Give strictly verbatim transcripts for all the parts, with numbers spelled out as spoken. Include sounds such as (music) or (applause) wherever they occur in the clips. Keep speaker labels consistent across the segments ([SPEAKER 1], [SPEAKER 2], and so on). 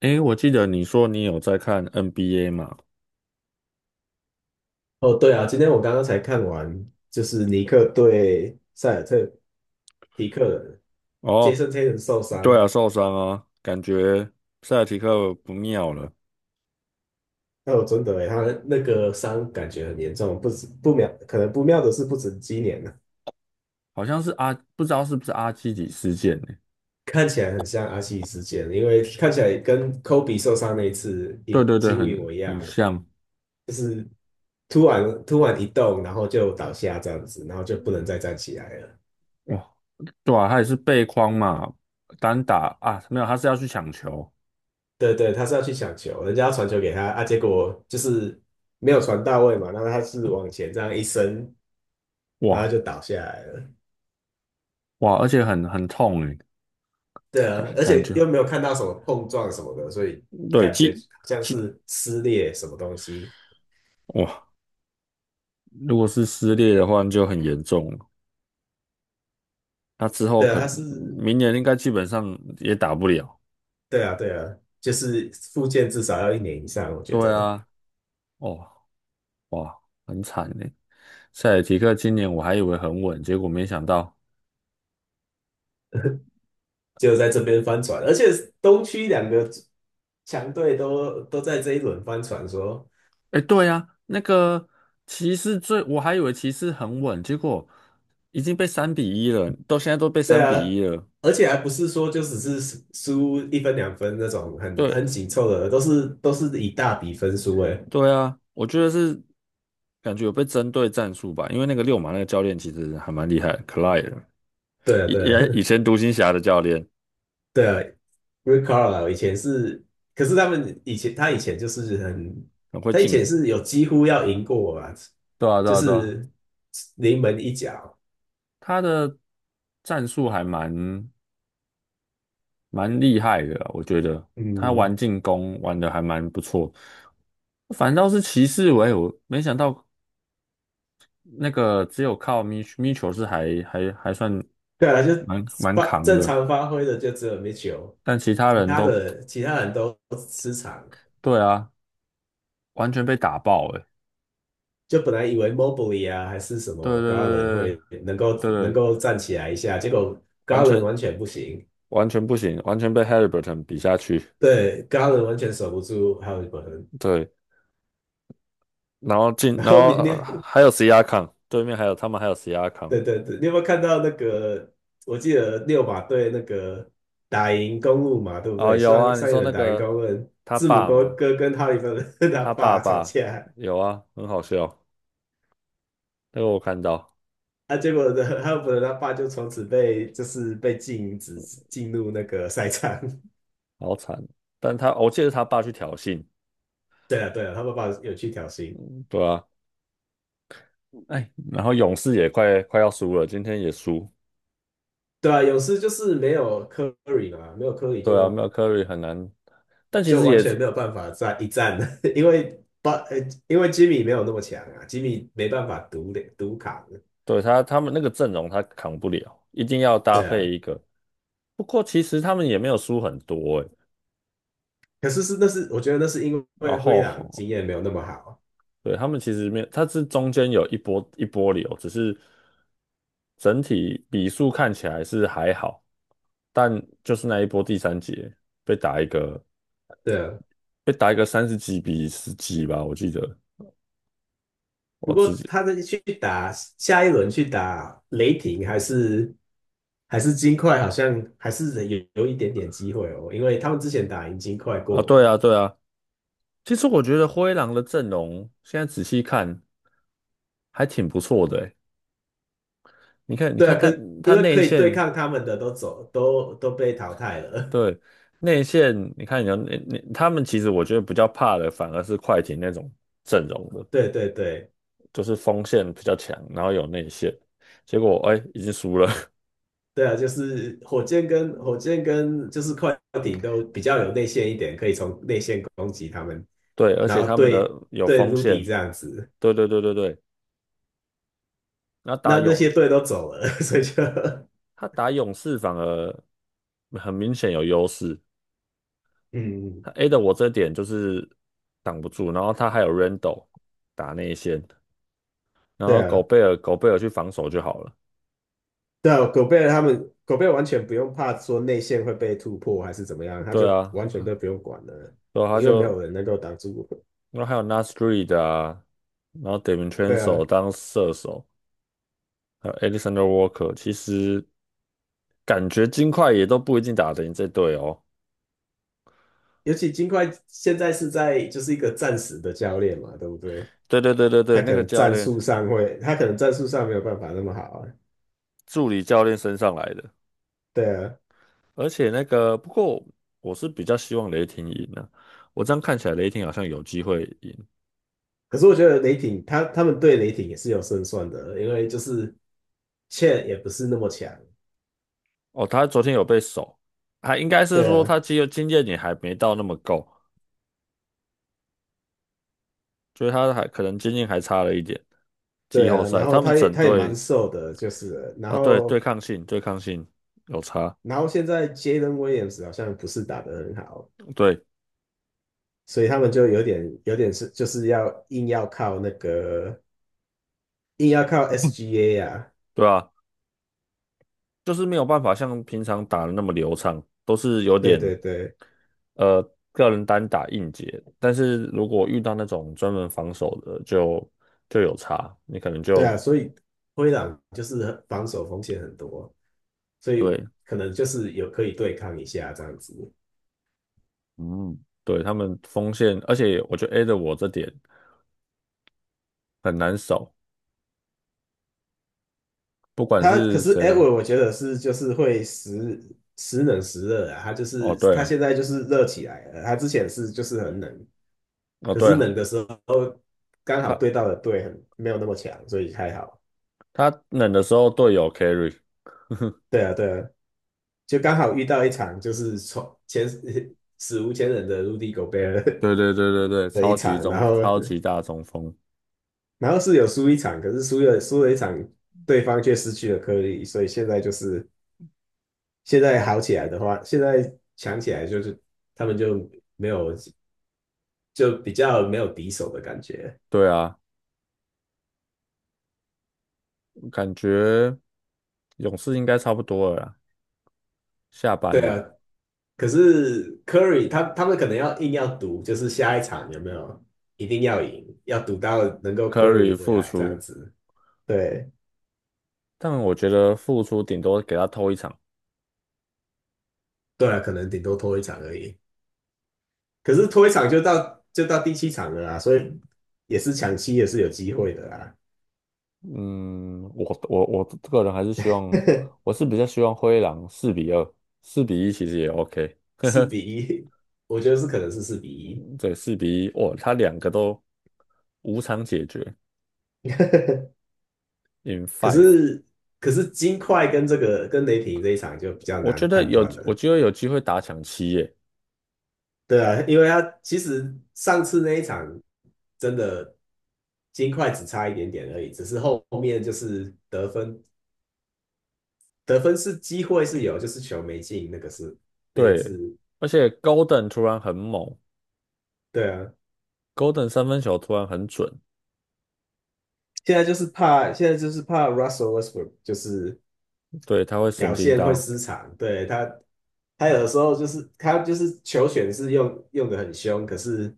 [SPEAKER 1] 诶，我记得你说你有在看 N B A 嘛？
[SPEAKER 2] 哦，对啊，今天我刚刚才看完，就是尼克对塞尔特提克人，杰
[SPEAKER 1] 哦，
[SPEAKER 2] 森泰伦受
[SPEAKER 1] 对
[SPEAKER 2] 伤。
[SPEAKER 1] 啊，受伤啊，感觉塞尔提克不妙了。
[SPEAKER 2] 哦，真的欸，他那个伤感觉很严重，不止不妙，可能不妙的是不止今年了。
[SPEAKER 1] 好像是阿，不知道是不是阿基里事件呢。
[SPEAKER 2] 看起来很像阿西事件，因为看起来跟科比受伤那一次
[SPEAKER 1] 对
[SPEAKER 2] 一
[SPEAKER 1] 对对，
[SPEAKER 2] 几乎一模
[SPEAKER 1] 很
[SPEAKER 2] 一样。
[SPEAKER 1] 很像。
[SPEAKER 2] 突然突然一动，然后就倒下这样子，然后就不能再站起来了。
[SPEAKER 1] 哇，对啊，他也是背框嘛，单打啊，没有，他是要去抢球。
[SPEAKER 2] 对对，他是要去抢球，人家要传球给他啊，结果就是没有传到位嘛，那他是往前这样一伸。然后
[SPEAKER 1] 哇
[SPEAKER 2] 就倒下来了。
[SPEAKER 1] 哇，而且很很痛诶。
[SPEAKER 2] 对啊，
[SPEAKER 1] 感
[SPEAKER 2] 而
[SPEAKER 1] 感
[SPEAKER 2] 且
[SPEAKER 1] 觉
[SPEAKER 2] 又没有看到什么碰撞什么的，所以
[SPEAKER 1] 对，
[SPEAKER 2] 感觉
[SPEAKER 1] 肌
[SPEAKER 2] 好像
[SPEAKER 1] 肌
[SPEAKER 2] 是撕裂什么东西。
[SPEAKER 1] 哇，如果是撕裂的话那就很严重了。那之后
[SPEAKER 2] 对啊，
[SPEAKER 1] 可
[SPEAKER 2] 它
[SPEAKER 1] 能
[SPEAKER 2] 是。
[SPEAKER 1] 明年应该基本上也打不了。
[SPEAKER 2] 对啊，对啊，就是复健至少要一年以上，我觉
[SPEAKER 1] 对
[SPEAKER 2] 得
[SPEAKER 1] 啊，哦，哇，很惨呢。塞尔提克今年我还以为很稳，结果没想到。
[SPEAKER 2] 就在这边翻船，而且东区两个强队都都在这一轮翻船说。
[SPEAKER 1] 哎，对啊，那个骑士最，我还以为骑士很稳，结果已经被三比一了，到现在都被
[SPEAKER 2] 对
[SPEAKER 1] 三比
[SPEAKER 2] 啊，
[SPEAKER 1] 一了。
[SPEAKER 2] 而且还不是说就只是输一分两分那种很
[SPEAKER 1] 对，
[SPEAKER 2] 很紧凑的，都是都是以大比分输诶。
[SPEAKER 1] 对啊，我觉得是感觉有被针对战术吧，因为那个六马那个教练其实还蛮厉害的，Clyde，
[SPEAKER 2] 对啊，
[SPEAKER 1] 以
[SPEAKER 2] 对啊，
[SPEAKER 1] 也以前独行侠的教练，
[SPEAKER 2] 对，Rick Carlisle 以前是，可是他们以前他以前就是很，
[SPEAKER 1] 很会
[SPEAKER 2] 他以
[SPEAKER 1] 进。
[SPEAKER 2] 前是有几乎要赢过我啊，
[SPEAKER 1] 对啊，对
[SPEAKER 2] 就
[SPEAKER 1] 啊，对啊，
[SPEAKER 2] 是临门一脚。
[SPEAKER 1] 他的战术还蛮蛮厉害的啊我觉得他
[SPEAKER 2] 嗯，
[SPEAKER 1] 玩进攻玩的还蛮不错。反倒是骑士，喂，我没想到那个只有靠米米球是还还还算
[SPEAKER 2] 对啊，就
[SPEAKER 1] 蛮蛮
[SPEAKER 2] 发
[SPEAKER 1] 扛
[SPEAKER 2] 正
[SPEAKER 1] 的，
[SPEAKER 2] 常发挥的就只有 Mitchell，
[SPEAKER 1] 但其他
[SPEAKER 2] 其
[SPEAKER 1] 人
[SPEAKER 2] 他
[SPEAKER 1] 都
[SPEAKER 2] 的其他人都失常。
[SPEAKER 1] 对啊，完全被打爆诶。
[SPEAKER 2] 就本来以为 Mobley 啊还是什
[SPEAKER 1] 对对
[SPEAKER 2] 么 Garland
[SPEAKER 1] 对
[SPEAKER 2] 会能够
[SPEAKER 1] 对
[SPEAKER 2] 能
[SPEAKER 1] 对，
[SPEAKER 2] 够站起来一下，结果
[SPEAKER 1] 完
[SPEAKER 2] Garland
[SPEAKER 1] 全
[SPEAKER 2] 完全不行。
[SPEAKER 1] 完全不行，完全被 Haliburton 比下去。
[SPEAKER 2] 对，Garland 完全守不住 Halliburton。
[SPEAKER 1] 对，然后进，
[SPEAKER 2] 然
[SPEAKER 1] 然
[SPEAKER 2] 后
[SPEAKER 1] 后、
[SPEAKER 2] 你你
[SPEAKER 1] 呃、还有 C R a 对面还有他们还有 C R a
[SPEAKER 2] 对对对，你有没有看到那个？我记得六马队那个打赢公路嘛，对不
[SPEAKER 1] 哦，
[SPEAKER 2] 对？
[SPEAKER 1] 有
[SPEAKER 2] 上
[SPEAKER 1] 啊，你
[SPEAKER 2] 上一
[SPEAKER 1] 说
[SPEAKER 2] 轮
[SPEAKER 1] 那
[SPEAKER 2] 打赢公
[SPEAKER 1] 个
[SPEAKER 2] 路，
[SPEAKER 1] 他
[SPEAKER 2] 字母
[SPEAKER 1] 爸
[SPEAKER 2] 哥
[SPEAKER 1] 吗？
[SPEAKER 2] 哥跟哈利芬他
[SPEAKER 1] 他爸
[SPEAKER 2] 爸吵
[SPEAKER 1] 爸
[SPEAKER 2] 架。
[SPEAKER 1] 有啊，很好笑，那个我看到，
[SPEAKER 2] 啊，结果呢，哈利芬他爸就从此被就是被禁止进入那个赛场。(laughs)
[SPEAKER 1] 好惨。但他我记得他爸去挑衅，
[SPEAKER 2] 对啊，对啊，他爸爸有去挑衅。
[SPEAKER 1] 对啊。哎，然后勇士也快快要输了，今天也输。
[SPEAKER 2] 对啊，勇士就是没有科里嘛，没有科里
[SPEAKER 1] 对啊，没
[SPEAKER 2] 就
[SPEAKER 1] 有 c u 很难，但其
[SPEAKER 2] 就
[SPEAKER 1] 实
[SPEAKER 2] 完
[SPEAKER 1] 也是
[SPEAKER 2] 全没有办法再一战了，(laughs) 因为巴呃，因为吉米没有那么强啊，吉米没办法独独扛。
[SPEAKER 1] 对他他们那个阵容他扛不了，一定要搭
[SPEAKER 2] 对
[SPEAKER 1] 配
[SPEAKER 2] 啊，
[SPEAKER 1] 一个。不过其实他们也没有输很多哎，
[SPEAKER 2] 可是是那是我觉得那是因
[SPEAKER 1] 然
[SPEAKER 2] 为灰狼
[SPEAKER 1] 后
[SPEAKER 2] 经验没有那么好。
[SPEAKER 1] 对，他们其实没有，它是中间有一波一波流，只是整体比数看起来是还好，但就是那一波第三节被打一个
[SPEAKER 2] 对啊。
[SPEAKER 1] 被打一个三十几比十几吧，我记得我
[SPEAKER 2] 不
[SPEAKER 1] 自
[SPEAKER 2] 过
[SPEAKER 1] 己
[SPEAKER 2] 他的去打下一轮去打雷霆还是还是金块，好像还是有有一点点机会哦，因为他们之前打赢金块
[SPEAKER 1] 啊，
[SPEAKER 2] 过
[SPEAKER 1] 对
[SPEAKER 2] 嘛。
[SPEAKER 1] 啊对啊，其实我觉得灰狼的阵容现在仔细看还挺不错的欸，你看你
[SPEAKER 2] 对啊，
[SPEAKER 1] 看
[SPEAKER 2] 可
[SPEAKER 1] 他他
[SPEAKER 2] 因为
[SPEAKER 1] 内
[SPEAKER 2] 可以对
[SPEAKER 1] 线
[SPEAKER 2] 抗他们的都走都都被淘汰了。
[SPEAKER 1] 对
[SPEAKER 2] (laughs)
[SPEAKER 1] 内线，你看你要内内他们其实我觉得比较怕的反而是快艇那种阵容的。
[SPEAKER 2] 对对对
[SPEAKER 1] 就是锋线比较强，然后有内线，结果哎已经输了，(laughs)
[SPEAKER 2] 对啊，就是火箭跟火箭跟就是快艇都比较有内线一点，可以从内线攻击他们。
[SPEAKER 1] 对，而
[SPEAKER 2] 然
[SPEAKER 1] 且
[SPEAKER 2] 后
[SPEAKER 1] 他们的
[SPEAKER 2] 对
[SPEAKER 1] 有
[SPEAKER 2] 对
[SPEAKER 1] 锋
[SPEAKER 2] Rudy
[SPEAKER 1] 线，
[SPEAKER 2] 这样子。
[SPEAKER 1] 对对对对对，那打
[SPEAKER 2] 那那
[SPEAKER 1] 勇
[SPEAKER 2] 些队都走了，(laughs) 所以就
[SPEAKER 1] 他打勇士反而很明显有优势，
[SPEAKER 2] 嗯，
[SPEAKER 1] 他 A 的我这点就是挡不住，然后他还有 Randle 打内线，然
[SPEAKER 2] 对
[SPEAKER 1] 后狗
[SPEAKER 2] 啊，
[SPEAKER 1] 贝尔狗贝尔去防守就好了。
[SPEAKER 2] 对啊，狗贝尔他们狗贝尔完全不用怕说内线会被突破还是怎么样，他
[SPEAKER 1] 对
[SPEAKER 2] 就
[SPEAKER 1] 啊，
[SPEAKER 2] 完全都不用管了，
[SPEAKER 1] 然后他
[SPEAKER 2] 因为没有
[SPEAKER 1] 就
[SPEAKER 2] 人能够挡住。
[SPEAKER 1] 然后还有 Nas Reed 啊，然后 d e v i n c h a n
[SPEAKER 2] 对
[SPEAKER 1] c
[SPEAKER 2] 啊，
[SPEAKER 1] e 当射手。还有 Alexander Walker，其实感觉金块也都不一定打得赢这队哦。
[SPEAKER 2] 尤其金块现在是在就是一个暂时的教练嘛，对不对？
[SPEAKER 1] 对对对对
[SPEAKER 2] 他
[SPEAKER 1] 对，那
[SPEAKER 2] 可
[SPEAKER 1] 个
[SPEAKER 2] 能
[SPEAKER 1] 教
[SPEAKER 2] 战
[SPEAKER 1] 练
[SPEAKER 2] 术上会，他可能战术上没有办法那么好啊。
[SPEAKER 1] 助理教练身上来的，
[SPEAKER 2] 对啊，
[SPEAKER 1] 而且那个不过我是比较希望雷霆赢的。我这样看起来雷霆好像有机会赢
[SPEAKER 2] 可是我觉得雷霆他他们对雷霆也是有胜算的，因为就是 c h a 也不是那么强。
[SPEAKER 1] 哦。他昨天有被守，还应该是
[SPEAKER 2] 对
[SPEAKER 1] 说
[SPEAKER 2] 啊，
[SPEAKER 1] 他经肉经验也还没到那么够，就是他还可能经验还差了一点。季
[SPEAKER 2] 对
[SPEAKER 1] 后
[SPEAKER 2] 啊，
[SPEAKER 1] 赛
[SPEAKER 2] 然后
[SPEAKER 1] 他们
[SPEAKER 2] 他也
[SPEAKER 1] 整
[SPEAKER 2] 他也蛮
[SPEAKER 1] 队
[SPEAKER 2] 瘦的，就是了然
[SPEAKER 1] 啊，对对
[SPEAKER 2] 后
[SPEAKER 1] 抗性对抗性有差，
[SPEAKER 2] 然后现在 Jalen Williams 好像不是打得很好，
[SPEAKER 1] 对
[SPEAKER 2] 所以他们就有点有点是就是要硬要靠那个硬要靠 S G A 啊，
[SPEAKER 1] 对啊。就是没有办法像平常打的那么流畅，都是有
[SPEAKER 2] 对
[SPEAKER 1] 点
[SPEAKER 2] 对对
[SPEAKER 1] 呃个人单打硬解。但是如果遇到那种专门防守的，就就有差，你可能
[SPEAKER 2] 对
[SPEAKER 1] 就
[SPEAKER 2] 啊，所以灰狼就是防守风险很多，所以
[SPEAKER 1] 对
[SPEAKER 2] 可能就是有可以对抗一下这样子。
[SPEAKER 1] 嗯，对他们锋线，而且我觉得 A 的我这点很难守，不管
[SPEAKER 2] 他可
[SPEAKER 1] 是
[SPEAKER 2] 是
[SPEAKER 1] 谁啊。
[SPEAKER 2] Edward，我觉得是就是会时时冷时热啊，他就
[SPEAKER 1] 哦，
[SPEAKER 2] 是
[SPEAKER 1] 对
[SPEAKER 2] 他
[SPEAKER 1] 了，
[SPEAKER 2] 现在就是热起来了，他之前是就是很冷。
[SPEAKER 1] 哦
[SPEAKER 2] 可
[SPEAKER 1] 对
[SPEAKER 2] 是
[SPEAKER 1] 了，
[SPEAKER 2] 冷的时候刚好对
[SPEAKER 1] 他
[SPEAKER 2] 到的队很没有那么强，所以还好。
[SPEAKER 1] 他冷的时候队友 carry，
[SPEAKER 2] 对啊，对啊，就刚好遇到一场就是从前史无前人的 Rudy Gobert
[SPEAKER 1] 对对对对对，
[SPEAKER 2] (laughs) 的一
[SPEAKER 1] 超级
[SPEAKER 2] 场，然
[SPEAKER 1] 中
[SPEAKER 2] 后
[SPEAKER 1] 超级大中锋，
[SPEAKER 2] 然后是有输一场，可是输了输了一场，对方却失去了颗粒，所以现在就是现在好起来的话，现在强起来就是他们就没有就比较没有敌手的感觉。
[SPEAKER 1] 对啊，感觉勇士应该差不多了啦。下班
[SPEAKER 2] 对
[SPEAKER 1] 了
[SPEAKER 2] 啊，可是 Curry 他他们可能要硬要赌，就是下一场有没有一定要赢，要赌到能够
[SPEAKER 1] ，Curry
[SPEAKER 2] Curry 回
[SPEAKER 1] 复
[SPEAKER 2] 来这样
[SPEAKER 1] 出，
[SPEAKER 2] 子。对，
[SPEAKER 1] 但我觉得复出顶多给他偷一场。
[SPEAKER 2] 对啊，可能顶多拖一场而已。可是拖一场就到就到第七场了啊，所以也是抢七也是有机会的啦。
[SPEAKER 1] 嗯，我我我个人还是希望，
[SPEAKER 2] (laughs)
[SPEAKER 1] 我是比较希望灰狼四比二，四比一其实也 OK。
[SPEAKER 2] 四比一，我觉得是可能是四比一。
[SPEAKER 1] 对，四比一，哇，他两个都无场解决
[SPEAKER 2] (laughs)
[SPEAKER 1] ，in
[SPEAKER 2] 可
[SPEAKER 1] five。
[SPEAKER 2] 是可是金块跟这个跟雷霆这一场就比较
[SPEAKER 1] 我觉
[SPEAKER 2] 难
[SPEAKER 1] 得
[SPEAKER 2] 判
[SPEAKER 1] 有，
[SPEAKER 2] 断
[SPEAKER 1] 我
[SPEAKER 2] 了。
[SPEAKER 1] 觉得有机会打抢七耶。
[SPEAKER 2] 对啊，因为他其实上次那一场真的金块只差一点点而已，只是后面就是得分，得分是机会是有，就是球没进，那个是那一
[SPEAKER 1] 对，
[SPEAKER 2] 次。
[SPEAKER 1] 而且 Golden 突然很猛
[SPEAKER 2] 对啊，
[SPEAKER 1] ，Golden 三分球突然很准。
[SPEAKER 2] 现在就是怕，现在就是怕 Russell Westbrook 就是
[SPEAKER 1] 对，他会神
[SPEAKER 2] 表
[SPEAKER 1] 经
[SPEAKER 2] 现会
[SPEAKER 1] 刀，
[SPEAKER 2] 失常，对他。他有的时候就是他就是球权是用用的很凶，可是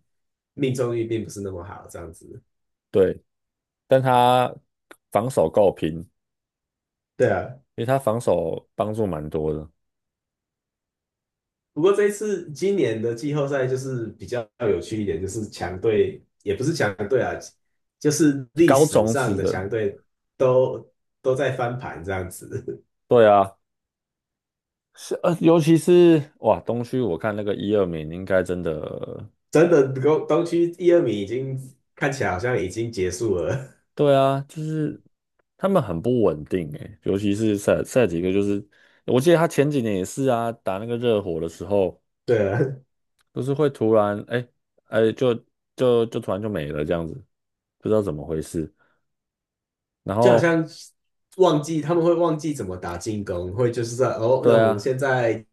[SPEAKER 2] 命中率并不是那么好，这样子。
[SPEAKER 1] 对，但他防守够平，
[SPEAKER 2] 对啊，
[SPEAKER 1] 因为他防守帮助蛮多的，
[SPEAKER 2] 不过这一次今年的季后赛就是比较有趣一点，就是强队也不是强队啊，就是历
[SPEAKER 1] 高
[SPEAKER 2] 史
[SPEAKER 1] 种
[SPEAKER 2] 上
[SPEAKER 1] 子
[SPEAKER 2] 的
[SPEAKER 1] 的，
[SPEAKER 2] 强队都都在翻盘这样子。
[SPEAKER 1] 对啊，是呃，尤其是哇，东区我看那个一二名应该真的。
[SPEAKER 2] (laughs) 真的东东区一二名已经看起来好像已经结束了。
[SPEAKER 1] 对啊，就是他们很不稳定诶，尤其是赛赛几个，就是我记得他前几年也是啊，打那个热火的时候，
[SPEAKER 2] (laughs) 对啊，
[SPEAKER 1] 就是会突然哎哎就就就突然就没了这样子，不知道怎么回事，然
[SPEAKER 2] 就好
[SPEAKER 1] 后
[SPEAKER 2] 像忘记他们会忘记怎么打进攻，会就是说哦，那
[SPEAKER 1] 对
[SPEAKER 2] 我们
[SPEAKER 1] 啊
[SPEAKER 2] 现在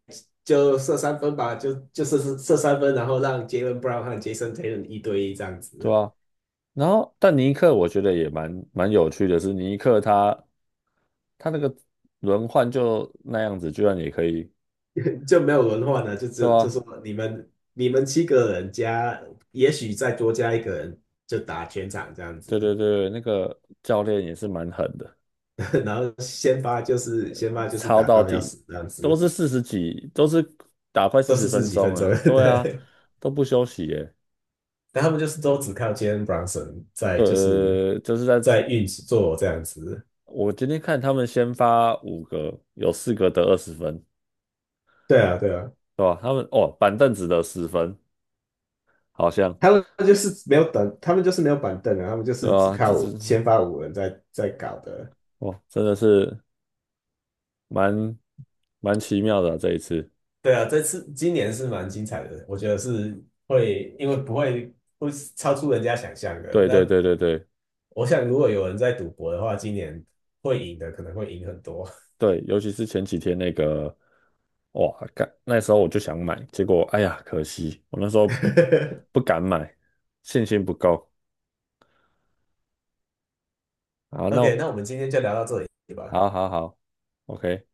[SPEAKER 2] 就射三分吧，就就射射三分，然后让杰伦 l e Brown 和杰森 s o n Tatum 一对一这样
[SPEAKER 1] 对
[SPEAKER 2] 子。
[SPEAKER 1] 啊。然后，但尼克我觉得也蛮蛮有趣的是，尼克他他那个轮换就那样子，居然也可以，
[SPEAKER 2] 就没有文化呢，就
[SPEAKER 1] 对
[SPEAKER 2] 只就
[SPEAKER 1] 啊，
[SPEAKER 2] 说你们你们七个人加，也许再多加一个人就打全场这样
[SPEAKER 1] 对
[SPEAKER 2] 子，
[SPEAKER 1] 对对，那个教练也是蛮狠的。
[SPEAKER 2] (laughs) 然后先发就是先发就是
[SPEAKER 1] 抄
[SPEAKER 2] 打
[SPEAKER 1] 到
[SPEAKER 2] 到要
[SPEAKER 1] 底
[SPEAKER 2] 死这样
[SPEAKER 1] 都
[SPEAKER 2] 子，
[SPEAKER 1] 是四十几，都是打快
[SPEAKER 2] 都
[SPEAKER 1] 四十
[SPEAKER 2] 是四
[SPEAKER 1] 分
[SPEAKER 2] 十几
[SPEAKER 1] 钟
[SPEAKER 2] 分钟，
[SPEAKER 1] 啊，
[SPEAKER 2] (laughs)
[SPEAKER 1] 对啊，
[SPEAKER 2] 对，
[SPEAKER 1] 都不休息耶，
[SPEAKER 2] 但他们就是都只靠 Jalen Brunson 在就是
[SPEAKER 1] 呃，就是在
[SPEAKER 2] 在运作这样子，
[SPEAKER 1] 我今天看他们先发五个，有四个得二十分，
[SPEAKER 2] 对啊对啊，
[SPEAKER 1] 对吧？他们哦，板凳只得十分，好像
[SPEAKER 2] 他们就是没有等，他们就是没有板凳啊，他们就
[SPEAKER 1] 对
[SPEAKER 2] 是只
[SPEAKER 1] 啊，这
[SPEAKER 2] 靠
[SPEAKER 1] 这
[SPEAKER 2] 先发五人在在搞的。
[SPEAKER 1] 哇，真的是。蛮蛮奇妙的啊这一次。
[SPEAKER 2] 对啊，这次今年是蛮精彩的，我觉得是会，因为不会会超出人家想象的。
[SPEAKER 1] 对对
[SPEAKER 2] 那
[SPEAKER 1] 对对对
[SPEAKER 2] 我想，如果有人在赌博的话，今年会赢的可能会赢很多。
[SPEAKER 1] 对，尤其是前几天那个，哇，干，那时候我就想买，结果哎呀，可惜我那时候不
[SPEAKER 2] (laughs)
[SPEAKER 1] 敢买，信心不够。好，那
[SPEAKER 2] OK，
[SPEAKER 1] 我
[SPEAKER 2] 那我们今天就聊到这里吧。
[SPEAKER 1] 好好好，OK。